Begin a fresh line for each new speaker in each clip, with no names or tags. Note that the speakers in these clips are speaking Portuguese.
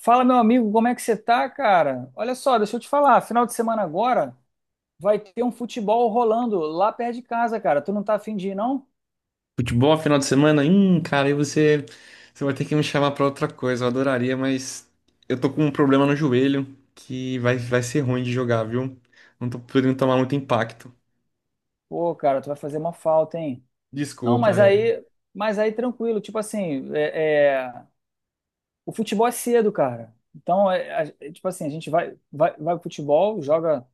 Fala, meu amigo, como é que você tá, cara? Olha só, deixa eu te falar, final de semana agora vai ter um futebol rolando lá perto de casa, cara. Tu não tá afim de ir, não?
Futebol, final de semana? Cara, você vai ter que me chamar pra outra coisa. Eu adoraria, mas eu tô com um problema no joelho que vai ser ruim de jogar, viu? Não tô podendo tomar muito impacto.
Pô, cara, tu vai fazer uma falta, hein? Não,
Desculpa, é.
mas aí tranquilo, tipo assim, o futebol é cedo, cara. Então, tipo assim, a gente vai pro futebol, joga,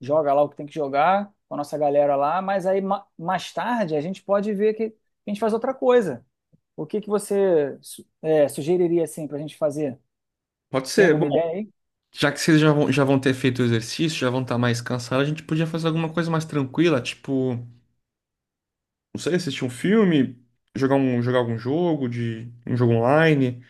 joga lá o que tem que jogar com a nossa galera lá, mas aí mais tarde a gente pode ver que a gente faz outra coisa. O que que você sugeriria assim pra gente fazer?
Pode
Tem
ser. Bom,
alguma ideia aí?
já que já vão ter feito o exercício, já vão estar mais cansados, a gente podia fazer alguma coisa mais tranquila, tipo, não sei, assistir um filme, jogar algum jogo de um jogo online.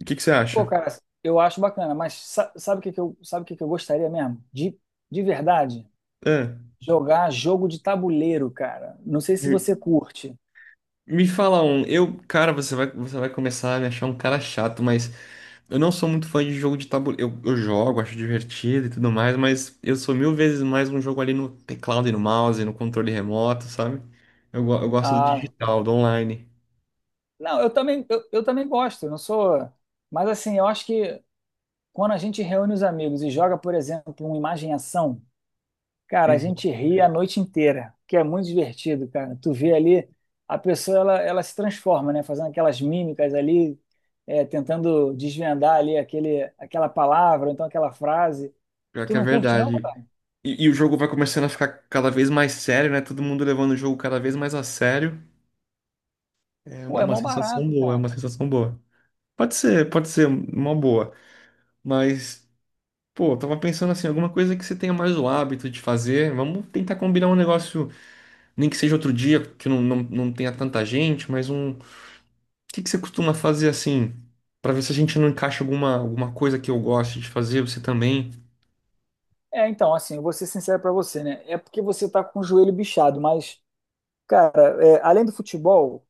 O que que você
Pô,
acha?
cara, eu acho bacana, mas sabe o que que eu, sabe o que que eu gostaria mesmo? De verdade,
É.
jogar jogo de tabuleiro, cara. Não sei se você curte.
Me fala um, eu, cara, você vai começar a me achar um cara chato, mas eu não sou muito fã de jogo de tabuleiro. Eu jogo, acho divertido e tudo mais, mas eu sou mil vezes mais um jogo ali no teclado e no mouse, no controle remoto, sabe? Eu gosto do
Ah,
digital, do online.
não, eu também, eu também gosto, não sou. Mas assim, eu acho que quando a gente reúne os amigos e joga, por exemplo, um imagem e ação, cara, a
Então,
gente ri a noite inteira, que é muito divertido, cara. Tu vê ali, a pessoa ela se transforma, né? Fazendo aquelas mímicas ali, tentando desvendar ali aquele, aquela palavra, ou então aquela frase.
pior
Tu
que é
não curte, não,
verdade.
cara?
E o jogo vai começando a ficar cada vez mais sério, né? Todo mundo levando o jogo cada vez mais a sério.
Pô,
É
é
uma
mó
sensação
barato,
boa, é
cara.
uma sensação boa. Pode ser uma boa, mas. Pô, eu tava pensando assim, alguma coisa que você tenha mais o hábito de fazer. Vamos tentar combinar um negócio, nem que seja outro dia, que não tenha tanta gente, mas um. O que que você costuma fazer assim? Pra ver se a gente não encaixa alguma coisa que eu goste de fazer, você também.
É, então, assim, eu vou ser sincero pra você, né? É porque você tá com o joelho bichado, mas, cara, além do futebol,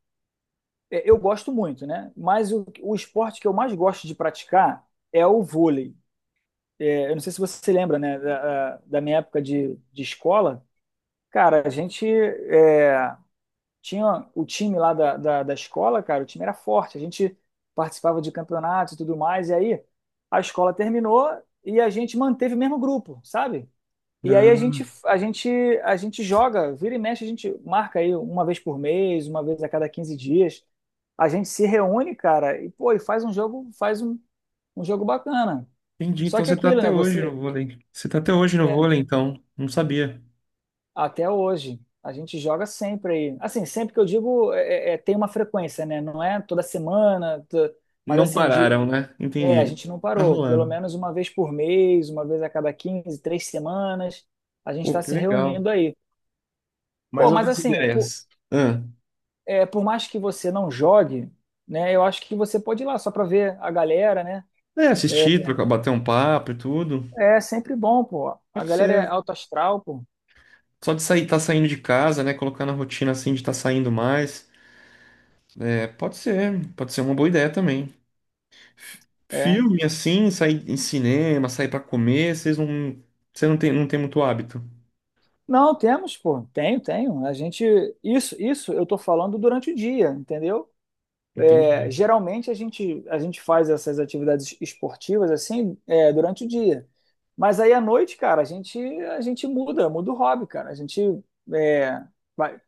eu gosto muito, né? Mas o esporte que eu mais gosto de praticar é o vôlei. Eu não sei se você se lembra, né, da, da minha época de escola, cara, a gente tinha o time lá da escola, cara, o time era forte, a gente participava de campeonatos e tudo mais, e aí a escola terminou e a gente manteve o mesmo grupo, sabe? E aí a gente,
Ah,
a gente, a gente joga, vira e mexe, a gente marca aí uma vez por mês, uma vez a cada 15 dias. A gente se reúne, cara, e pô, e faz um jogo, um jogo bacana.
entendi.
Só
Então
que é
você tá
aquilo,
até
né?
hoje no
Você,
vôlei. Você tá até hoje no
é,
vôlei, então. Não sabia.
Até hoje. A gente joga sempre aí. Assim, sempre que eu digo, tem uma frequência, né? Não é toda semana, mas
Não
assim,
pararam, né?
a
Entendi.
gente não
Tá
parou. Pelo
rolando.
menos uma vez por mês, uma vez a cada 15, 3 semanas, a gente
Pô,
está
que
se
legal.
reunindo aí. Pô,
Mais
mas
outras
assim,
ideias. Ah,
por mais que você não jogue, né? Eu acho que você pode ir lá só para ver a galera, né?
é,
É,
assistir, trocar, bater um papo e tudo.
é sempre bom, pô. A
Pode
galera é
ser.
alto astral, pô.
Só de sair, tá saindo de casa, né? Colocar na rotina assim de estar saindo mais. É, pode ser uma boa ideia também. F-
É.
filme assim, sair em cinema, sair pra comer, você não tem, não tem muito hábito.
Não, temos, pô. Tenho, tenho. A gente isso eu tô falando durante o dia, entendeu? É,
Entendi.
geralmente a gente faz essas atividades esportivas assim, durante o dia. Mas aí à noite, cara, a gente muda o hobby, cara. A gente é, vai-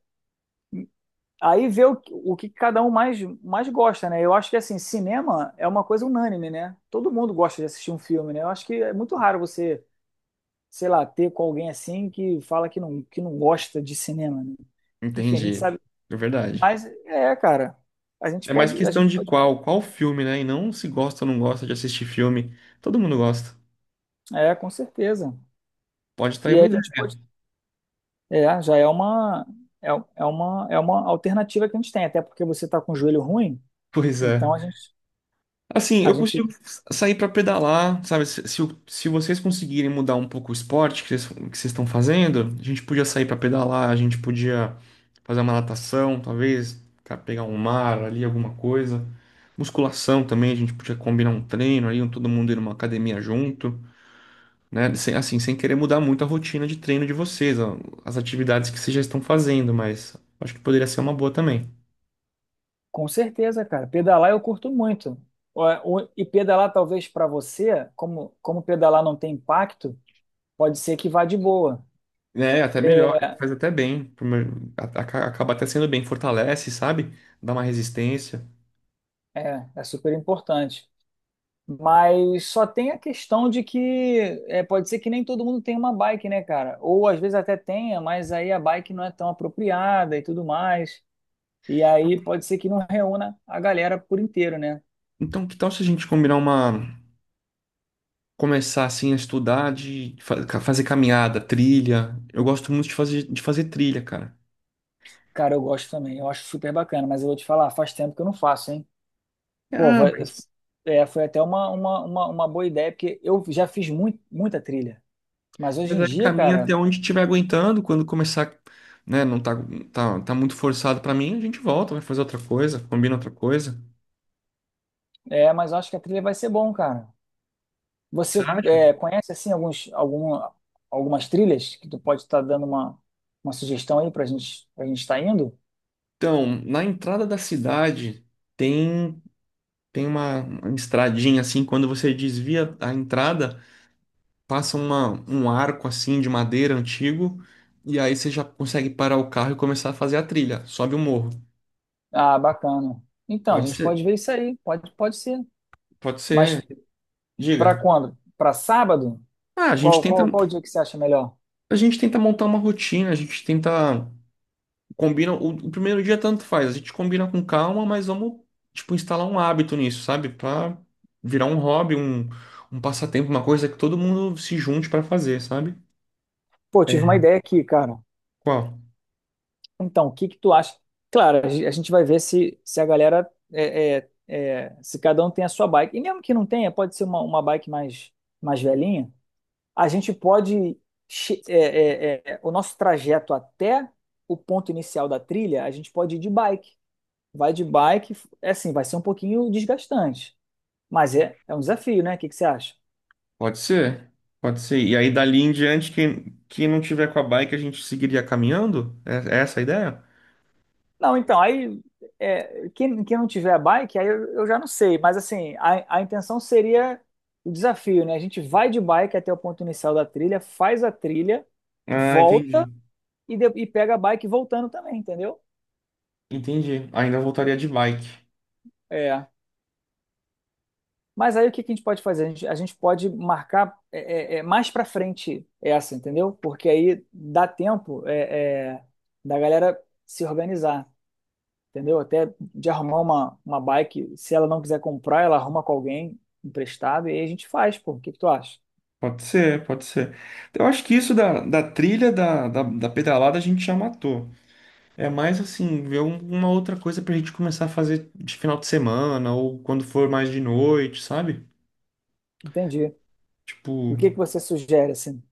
aí vê o que cada um mais gosta, né? Eu acho que assim, cinema é uma coisa unânime, né? Todo mundo gosta de assistir um filme, né? Eu acho que é muito raro você sei lá, ter com alguém assim que fala que não gosta de cinema, né? Enfim, a gente
Entendi.
sabe.
É verdade.
Mas é, cara, a gente
É mais
pode, a
questão
gente
de
pode,
qual filme, né? E não se gosta ou não gosta de assistir filme. Todo mundo gosta.
com certeza.
Pode estar aí
E
uma
a
ideia.
gente pode, é, já é, é uma alternativa que a gente tem, até porque você tá com o joelho ruim,
Pois é.
então
Assim,
a
eu
gente,
consigo sair pra pedalar, sabe? Se vocês conseguirem mudar um pouco o esporte que vocês estão fazendo, a gente podia sair pra pedalar, a gente podia fazer uma natação, talvez, cara, pegar um mar ali, alguma coisa. Musculação também, a gente podia combinar um treino ali, um- todo mundo ir numa academia junto, né? Sem- assim, sem querer mudar muito a rotina de treino de vocês, ó, as atividades que vocês já estão fazendo, mas acho que poderia ser uma boa também.
com certeza, cara, pedalar eu curto muito. Ó, e pedalar talvez para você, como pedalar não tem impacto, pode ser que vá de boa.
É, até melhor, faz até bem, pro meu- acaba até sendo bem, fortalece, sabe? Dá uma resistência.
É super importante. Mas só tem a questão de que pode ser que nem todo mundo tenha uma bike, né, cara? Ou às vezes até tenha, mas aí a bike não é tão apropriada e tudo mais. E aí pode ser que não reúna a galera por inteiro, né?
Então, que tal se a gente combinar uma, começar assim a estudar de fazer caminhada, trilha? Eu gosto muito de de fazer trilha, cara.
Cara, eu gosto também, eu acho super bacana, mas eu vou te falar, faz tempo que eu não faço, hein? Pô,
Ah,
foi até uma boa ideia, porque eu já fiz muito, muita trilha. Mas hoje
mas
em
aí
dia,
caminha
cara,
até onde estiver aguentando, quando começar, né, não tá, tá muito forçado pra mim, a gente volta, vai fazer outra coisa, combina outra coisa.
mas eu acho que a trilha vai ser bom, cara.
Você
Você
acha?
conhece assim algumas trilhas que tu pode estar dando uma sugestão aí para gente estar indo?
Então, na entrada da cidade tem tem uma estradinha assim, quando você desvia a entrada, passa um arco assim de madeira antigo, e aí você já consegue parar o carro e começar a fazer a trilha, sobe o morro.
Ah, bacana. Então, a
Pode
gente pode
ser,
ver isso aí, pode ser.
pode
Mas
ser, diga.
para quando? Para sábado?
Ah,
Qual, qual, qual o dia que você acha melhor?
a gente tenta montar uma rotina, a gente tenta combina o primeiro dia tanto faz, a gente combina com calma, mas vamos tipo instalar um hábito nisso, sabe? Pra virar um hobby, um passatempo, uma coisa que todo mundo se junte pra fazer, sabe?
Pô, tive uma
É.
ideia aqui, cara.
Qual?
Então, o que que tu acha? Claro, a a gente vai ver se a galera se cada um tem a sua bike. E mesmo que não tenha, pode ser uma bike mais velhinha. A gente pode. O nosso trajeto até o ponto inicial da trilha, a gente pode ir de bike. Vai de bike, é assim, vai ser um pouquinho desgastante, mas é um desafio, né? O que que você acha?
Pode ser, pode ser. E aí, dali em diante, quem não tiver com a bike, a gente seguiria caminhando? É, é essa a ideia?
Não, então, aí quem não tiver bike, aí eu já não sei, mas assim, a intenção seria o desafio, né? A gente vai de bike até o ponto inicial da trilha, faz a trilha,
Ah,
volta
entendi.
e pega a bike voltando também, entendeu?
Entendi. Ainda voltaria de bike.
É. Mas aí o que que a gente pode fazer? A gente pode marcar mais para frente essa, entendeu? Porque aí dá tempo da galera se organizar, entendeu? Até de arrumar uma bike. Se ela não quiser comprar, ela arruma com alguém emprestado e aí a gente faz, pô. O que que tu acha?
Pode ser, pode ser. Eu acho que isso da trilha, da pedalada, a gente já matou. É mais assim, ver um- uma outra coisa pra gente começar a fazer de final de semana ou quando for mais de noite, sabe?
Entendi. E
Tipo,
o que que você sugere, assim?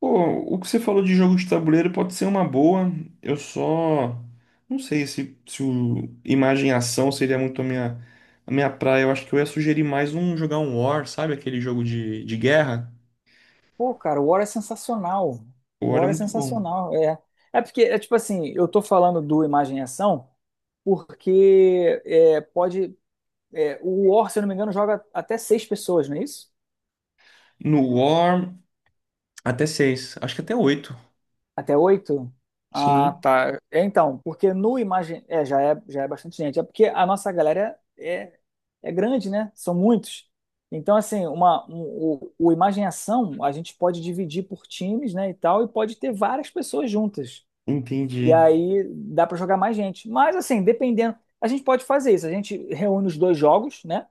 pô, o que você falou de jogo de tabuleiro pode ser uma boa. Eu só não sei se, se o imagem e ação seria muito a minha praia. Eu acho que eu ia sugerir mais um jogar um War, sabe? Aquele jogo de guerra.
Pô, cara, o War é sensacional.
O
O
War é
War é
muito bom.
sensacional, é. É porque, é tipo assim, eu tô falando do Imagem e Ação porque é, pode É, o War, se eu não me engano, joga até 6 pessoas, não é isso?
No War, até seis. Acho que até oito.
Até 8? Ah,
Sim,
tá. É, então, porque no Imagem. É, já é bastante gente. É porque a nossa galera é grande, né? São muitos. Então, assim, o Imagem Ação a gente pode dividir por times, né? E tal, e pode ter várias pessoas juntas. E
entendi.
aí dá pra jogar mais gente. Mas, assim, dependendo. A gente pode fazer isso. A gente reúne os dois jogos, né?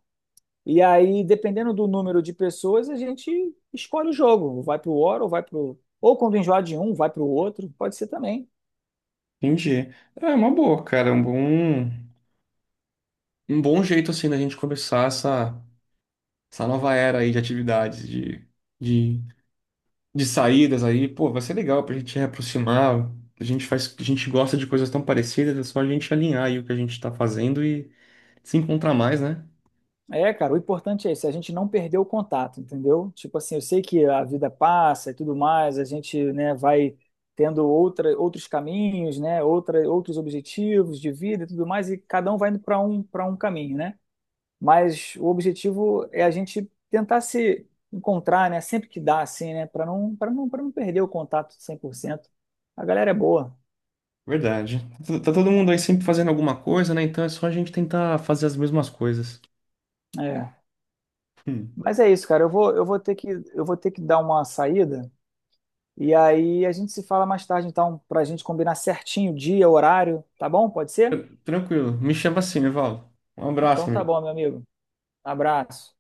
E aí, dependendo do número de pessoas, a gente escolhe o jogo. Vai pro War ou vai pro. Ou quando enjoar de um, vai pro outro. Pode ser também.
Entendi. É uma boa, cara. Um bom jeito assim da gente começar essa, essa nova era aí de atividades, de de saídas aí, pô, vai ser legal pra gente reaproximar. A gente faz, a gente gosta de coisas tão parecidas, é só a gente alinhar aí o que a gente tá fazendo e se encontrar mais, né?
É, cara, o importante é isso, a gente não perder o contato, entendeu? Tipo assim, eu sei que a vida passa e tudo mais, a gente, né, vai tendo outra, outros caminhos, né, outra, outros objetivos de vida e tudo mais, e cada um vai indo para um caminho, né? Mas o objetivo é a gente tentar se encontrar, né? Sempre que dá, assim, né? Para não perder o contato 100%. A galera é boa.
Verdade. Tá tá todo mundo aí sempre fazendo alguma coisa, né? Então é só a gente tentar fazer as mesmas coisas.
É.
Hum.
Mas é isso, cara. Eu vou ter que dar uma saída. E aí a gente se fala mais tarde, então, para a gente combinar certinho o dia, horário, tá bom? Pode ser?
Tran- tranquilo. Me chama assim, Evaldo. Um abraço,
Então tá
amigo.
bom, meu amigo. Abraço.